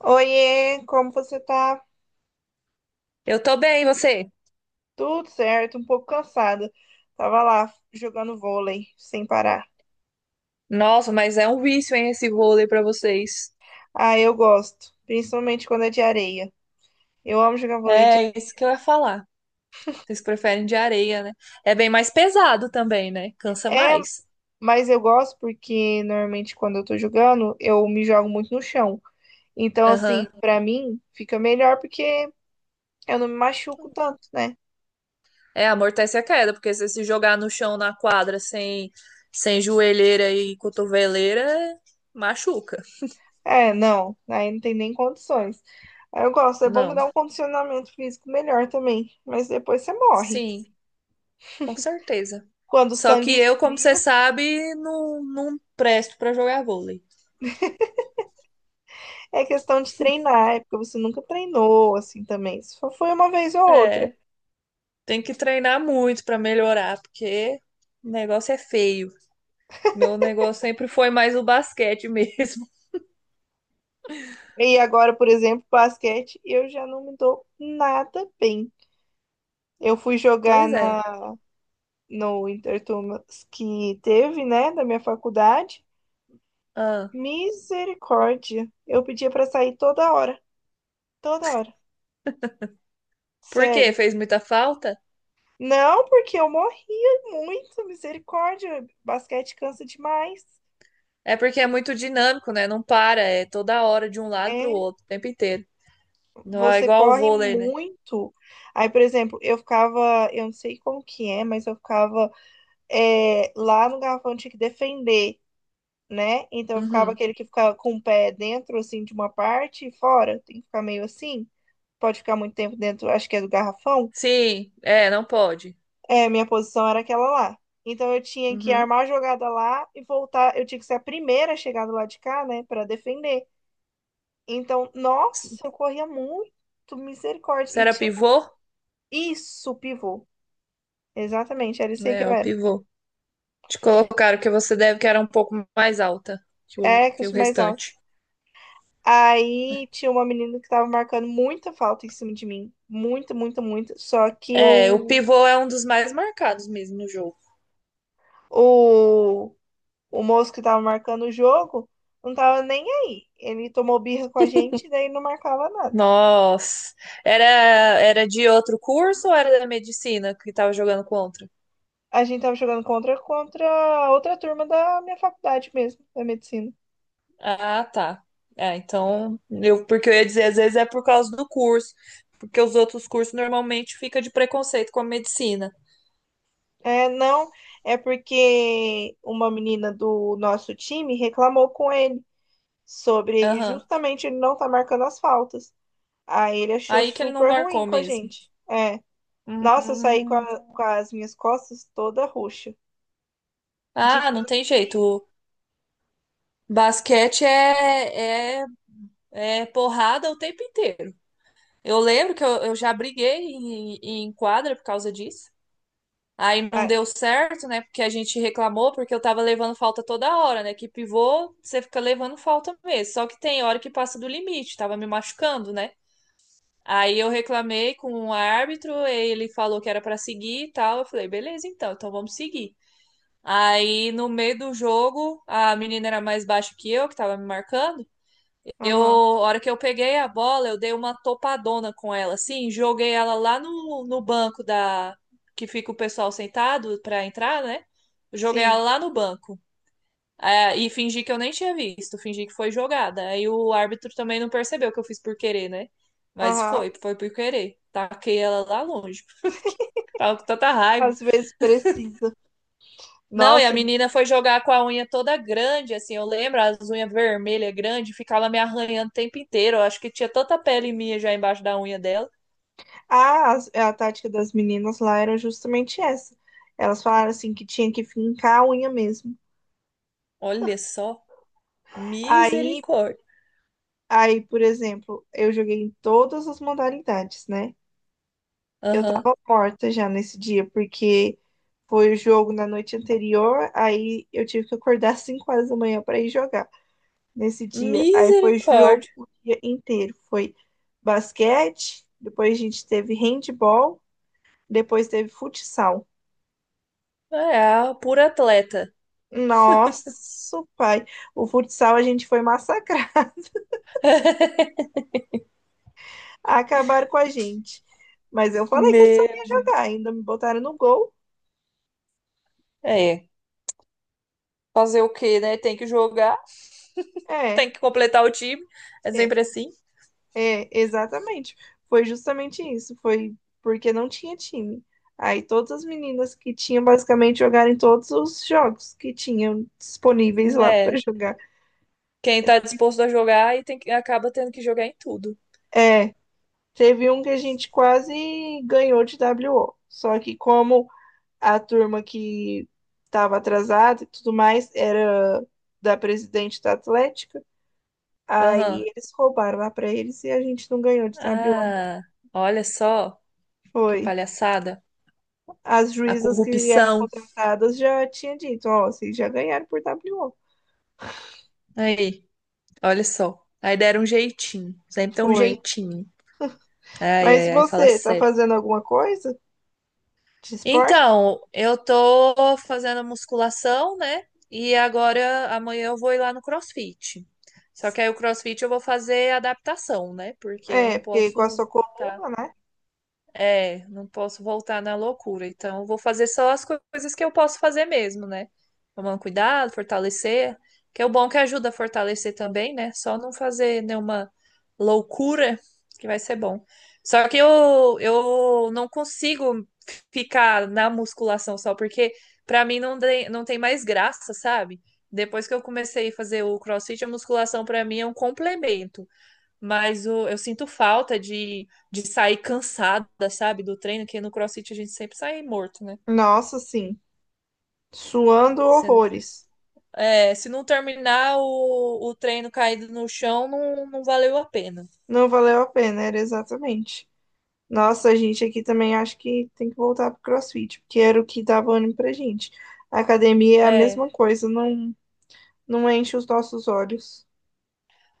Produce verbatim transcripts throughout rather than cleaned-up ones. Oiê, como você tá? Eu tô bem, e você? Tudo certo, um pouco cansada. Tava lá jogando vôlei sem parar. Nossa, mas é um vício, hein, esse vôlei pra vocês. Ah, eu gosto, principalmente quando é de areia. Eu amo jogar vôlei de É isso que eu ia falar. Vocês preferem de areia, né? É bem mais pesado também, né? Cansa areia. É, mais. mas eu gosto porque normalmente quando eu tô jogando, eu me jogo muito no chão. Então, assim, Aham. pra mim fica melhor porque eu não me machuco tanto, né? É, amortece a queda, porque se você se jogar no chão, na quadra, sem, sem joelheira e cotoveleira, machuca. É, não, aí não tem nem condições. Aí eu gosto, é bom que Não. dá um condicionamento físico melhor também, mas depois você morre. Sim, com certeza. Quando o Só sangue que eu, como você esfria. sabe, não, não presto pra jogar vôlei. É questão de treinar, é porque você nunca treinou assim também. Só foi uma vez ou outra. É. Tem que treinar muito para melhorar, porque o negócio é feio. Meu negócio sempre foi mais o basquete mesmo. E agora, por exemplo, basquete, eu já não me dou nada bem. Eu fui jogar Pois é. na, no Interturmas que teve, né, da minha faculdade. Ah, Misericórdia. Eu pedia pra sair toda hora, toda hora. por quê? Sério. Fez muita falta? Não, porque eu morria muito, misericórdia. Basquete cansa demais. É porque é muito dinâmico, né? Não para, é toda hora de um lado pro É, outro, o tempo inteiro. Não é você igual o corre vôlei, né? muito. Aí, por exemplo, eu ficava, eu não sei como que é, mas eu ficava é, lá no garrafão eu tinha que defender, né? Então eu ficava Uhum. aquele que ficava com o pé dentro, assim, de uma parte e fora, tem que ficar meio assim, pode ficar muito tempo dentro, acho que é do garrafão. Sim, é, não pode. É, minha posição era aquela lá. Então eu tinha que Uhum. armar a jogada lá e voltar, eu tinha que ser a primeira a chegar do lado de cá, né, para defender. Então, nossa, eu corria muito, misericórdia. Você E era tinha pivô? isso, pivô. Exatamente, era isso aí que É, eu o era. pivô. Te colocaram que você deve que era um pouco mais alta que o, É, que eu que o sou mais alta. restante. Aí tinha uma menina que tava marcando muita falta em cima de mim. Muito, muito, muito. Só que É, o o, pivô é um dos mais marcados mesmo no jogo. o, o moço que tava marcando o jogo não tava nem aí. Ele tomou birra com a gente, daí não marcava nada. Nossa, era era de outro curso ou era da medicina que tava jogando contra? A gente tava jogando contra, contra outra turma da minha faculdade mesmo, da medicina. Ah, tá. Ah, então, eu porque eu ia dizer, às vezes é por causa do curso, porque os outros cursos normalmente fica de preconceito com a medicina. É, não, é porque uma menina do nosso time reclamou com ele. Sobre Aham. justamente ele não tá marcando as faltas. Aí ele achou Aí que ele não super ruim marcou com a mesmo. gente. É. Nossa, eu saí com, Hum. a- com as minhas costas toda roxa. De Ah, não tanto tem que. jeito. Basquete é, é, é porrada o tempo inteiro. Eu lembro que eu, eu já briguei em, em quadra por causa disso. Aí não É. deu certo, né? Porque a gente reclamou, porque eu tava levando falta toda hora, né? Que pivô, você fica levando falta mesmo. Só que tem hora que passa do limite, tava me machucando, né? Aí eu reclamei com o árbitro, ele falou que era pra seguir e tal. Eu falei, beleza, então, então vamos seguir. Aí no meio do jogo, a menina era mais baixa que eu, que tava me marcando. Eu, Aham. a hora que eu peguei a bola, eu dei uma topadona com ela, assim, joguei ela lá no, no banco da que fica o pessoal sentado pra entrar, né? Joguei ela Sim. lá no banco. É, e fingi que eu nem tinha visto, fingi que foi jogada. Aí o árbitro também não percebeu que eu fiz por querer, né? Mas Aham. foi, foi por querer. Taquei ela lá longe. Tava com tanta raiva. Às vezes precisa. Não, e a Nossa. menina foi jogar com a unha toda grande, assim, eu lembro, as unhas vermelhas grandes, ficava me arranhando o tempo inteiro. Eu acho que tinha tanta pele minha já embaixo da unha dela. Ah, as- a tática das meninas lá era justamente essa. Elas falaram assim que tinha que fincar a unha mesmo. Olha só, Aí, misericórdia. aí, por exemplo, eu joguei em todas as modalidades, né? Eu Aham. tava morta já nesse dia, porque foi o jogo na noite anterior, aí eu tive que acordar às cinco horas da manhã para ir jogar nesse dia. Aí foi jogo Misericórdia. o dia inteiro. Foi basquete, depois a gente teve handball, depois teve futsal. É, a pura atleta. Nossa, pai, o futsal a gente foi massacrar. Acabaram com a gente. Mas eu falei que eu não sabia Meu. jogar, ainda me botaram no gol. É, fazer o quê, né? Tem que jogar, É. tem que completar o time. É É, sempre assim, É, exatamente. Foi justamente isso. Foi porque não tinha time. Aí todas as meninas que tinham basicamente jogaram em todos os jogos que tinham disponíveis lá para né? jogar. Quem tá disposto a jogar e tem que, acaba tendo que jogar em tudo. É, teve um que a gente quase ganhou de W O. Só que como a turma que estava atrasada e tudo mais era da presidente da Atlética, aí Aham. eles roubaram lá para eles e a gente não ganhou de W O. Ah, olha só. Que Foi. palhaçada. As A juízas que eram corrupção. contratadas já tinha dito, ó, vocês já ganharam por W O. Aí, olha só. Aí deram um jeitinho. Sempre tem um Foi. jeitinho. Ai, Mas ai, ai, fala você tá sério. fazendo alguma coisa de esporte? Então, eu tô fazendo musculação, né? E agora, amanhã eu vou ir lá no CrossFit. Só que aí o CrossFit eu vou fazer adaptação, né? Porque eu É, não porque com a posso sua voltar. coluna, né? É, não posso voltar na loucura. Então, eu vou fazer só as co- coisas que eu posso fazer mesmo, né? Tomando cuidado, fortalecer. Que é o bom que ajuda a fortalecer também, né? Só não fazer nenhuma loucura, que vai ser bom. Só que eu, eu não consigo ficar na musculação só, porque pra mim não, de- não tem mais graça, sabe? Depois que eu comecei a fazer o CrossFit, a musculação pra mim é um complemento. Mas o, eu sinto falta de, de sair cansada, sabe, do treino, que no CrossFit a gente sempre sai morto, né? Nossa, sim. Suando Se, horrores. é, se não terminar o, o treino caído no chão, não, não valeu a pena. Não valeu a pena, era exatamente. Nossa, a gente aqui também acho que tem que voltar pro CrossFit, porque era o que dava ânimo pra gente. A academia é a É. mesma coisa, não, não enche os nossos olhos.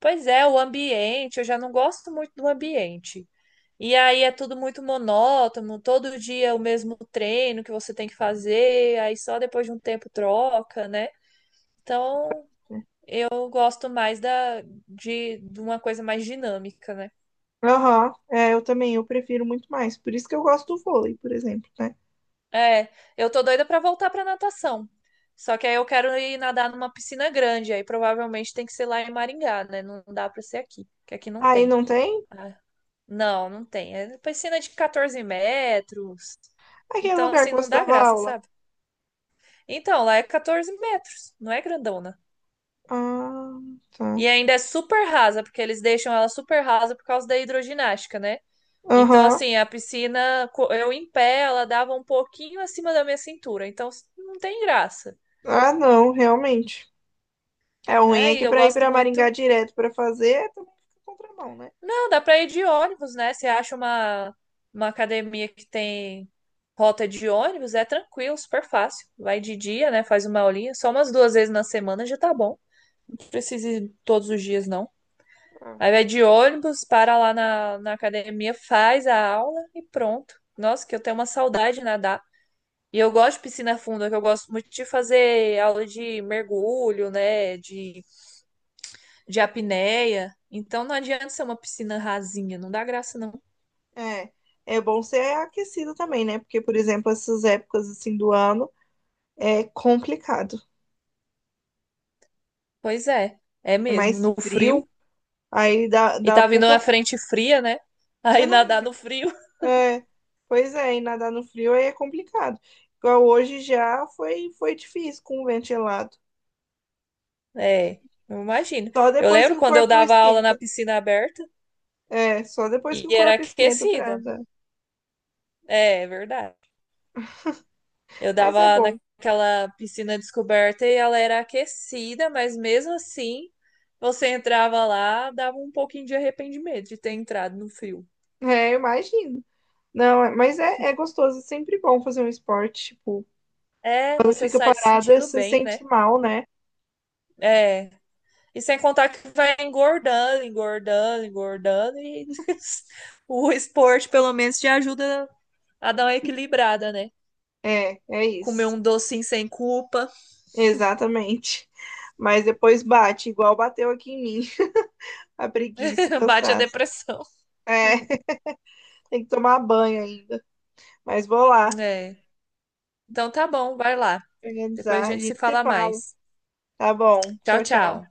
Pois é, o ambiente, eu já não gosto muito do ambiente. E aí é tudo muito monótono, todo dia o mesmo treino que você tem que fazer, aí só depois de um tempo troca, né? Então Né? eu gosto mais da, de, de uma coisa mais dinâmica, né? Aham, é, eu também, eu prefiro muito mais. Por isso que eu gosto do vôlei, por exemplo, né? É, eu tô doida pra voltar pra natação. Só que aí eu quero ir nadar numa piscina grande, aí provavelmente tem que ser lá em Maringá, né? Não dá pra ser aqui, porque aqui não Aí tem. não tem? Ah, não, não tem. É piscina de quatorze metros. Aquele Então, lugar assim, que não você dá dava graça, aula. sabe? Então, lá é quatorze metros, não é grandona. Ah, tá. E ainda é super rasa, porque eles deixam ela super rasa por causa da hidroginástica, né? Então, Aham. assim, a piscina, co- eu em pé, ela dava um pouquinho acima da minha cintura. Então, não tem graça. Ah, não, realmente. É ruim É, é e que eu pra ir gosto pra Maringá muito. direto pra fazer, é também fica contramão, né? Não, dá pra ir de ônibus, né? Você acha uma, uma academia que tem rota de ônibus, é tranquilo, super fácil. Vai de dia, né? Faz uma aulinha. Só umas duas vezes na semana já tá bom. Não precisa ir todos os dias, não. Ah. Aí vai de ônibus, para lá na, na academia, faz a aula e pronto. Nossa, que eu tenho uma saudade de nadar. E eu gosto de piscina funda, que eu gosto muito de fazer aula de mergulho, né? De de apneia. Então não adianta ser uma piscina rasinha, não dá graça não. É. É bom ser aquecido também, né? Porque, por exemplo, essas épocas assim do ano é complicado. Pois é, é É mesmo, mais no frio. frio, aí dá, E dá tá vindo uma pouca. frente fria, né? Eu Aí não. nadar no frio. É, pois é, e nadar no frio aí é complicado. Igual hoje já foi, foi difícil com o ventilado. É, eu imagino. Só Eu depois que lembro o quando eu corpo dava aula na esquenta. piscina aberta É, só depois e que o era corpo esquenta pra aquecida. andar. É, é verdade. Eu Mas é dava bom. naquela piscina descoberta e ela era aquecida, mas mesmo assim, você entrava lá, dava um pouquinho de arrependimento de ter entrado no frio. É, eu imagino. Não, é- mas é, é gostoso, é sempre bom fazer um esporte. Tipo, É, quando você fica sai se parada, sentindo você bem, né? sente mal, né? É, e sem contar que vai engordando, engordando, engordando, e o esporte, pelo menos, te ajuda a dar uma equilibrada, né? É, é Comer isso. um docinho sem culpa, Exatamente. Mas depois bate, igual bateu aqui em mim, a preguiça, o bate a cansaço. depressão. É, tem que tomar banho ainda. Mas vou lá. É. Então tá bom, vai lá. Depois a Organizar. A gente se gente se fala fala. mais. Tá bom. Tchau, Tchau, tchau. tchau.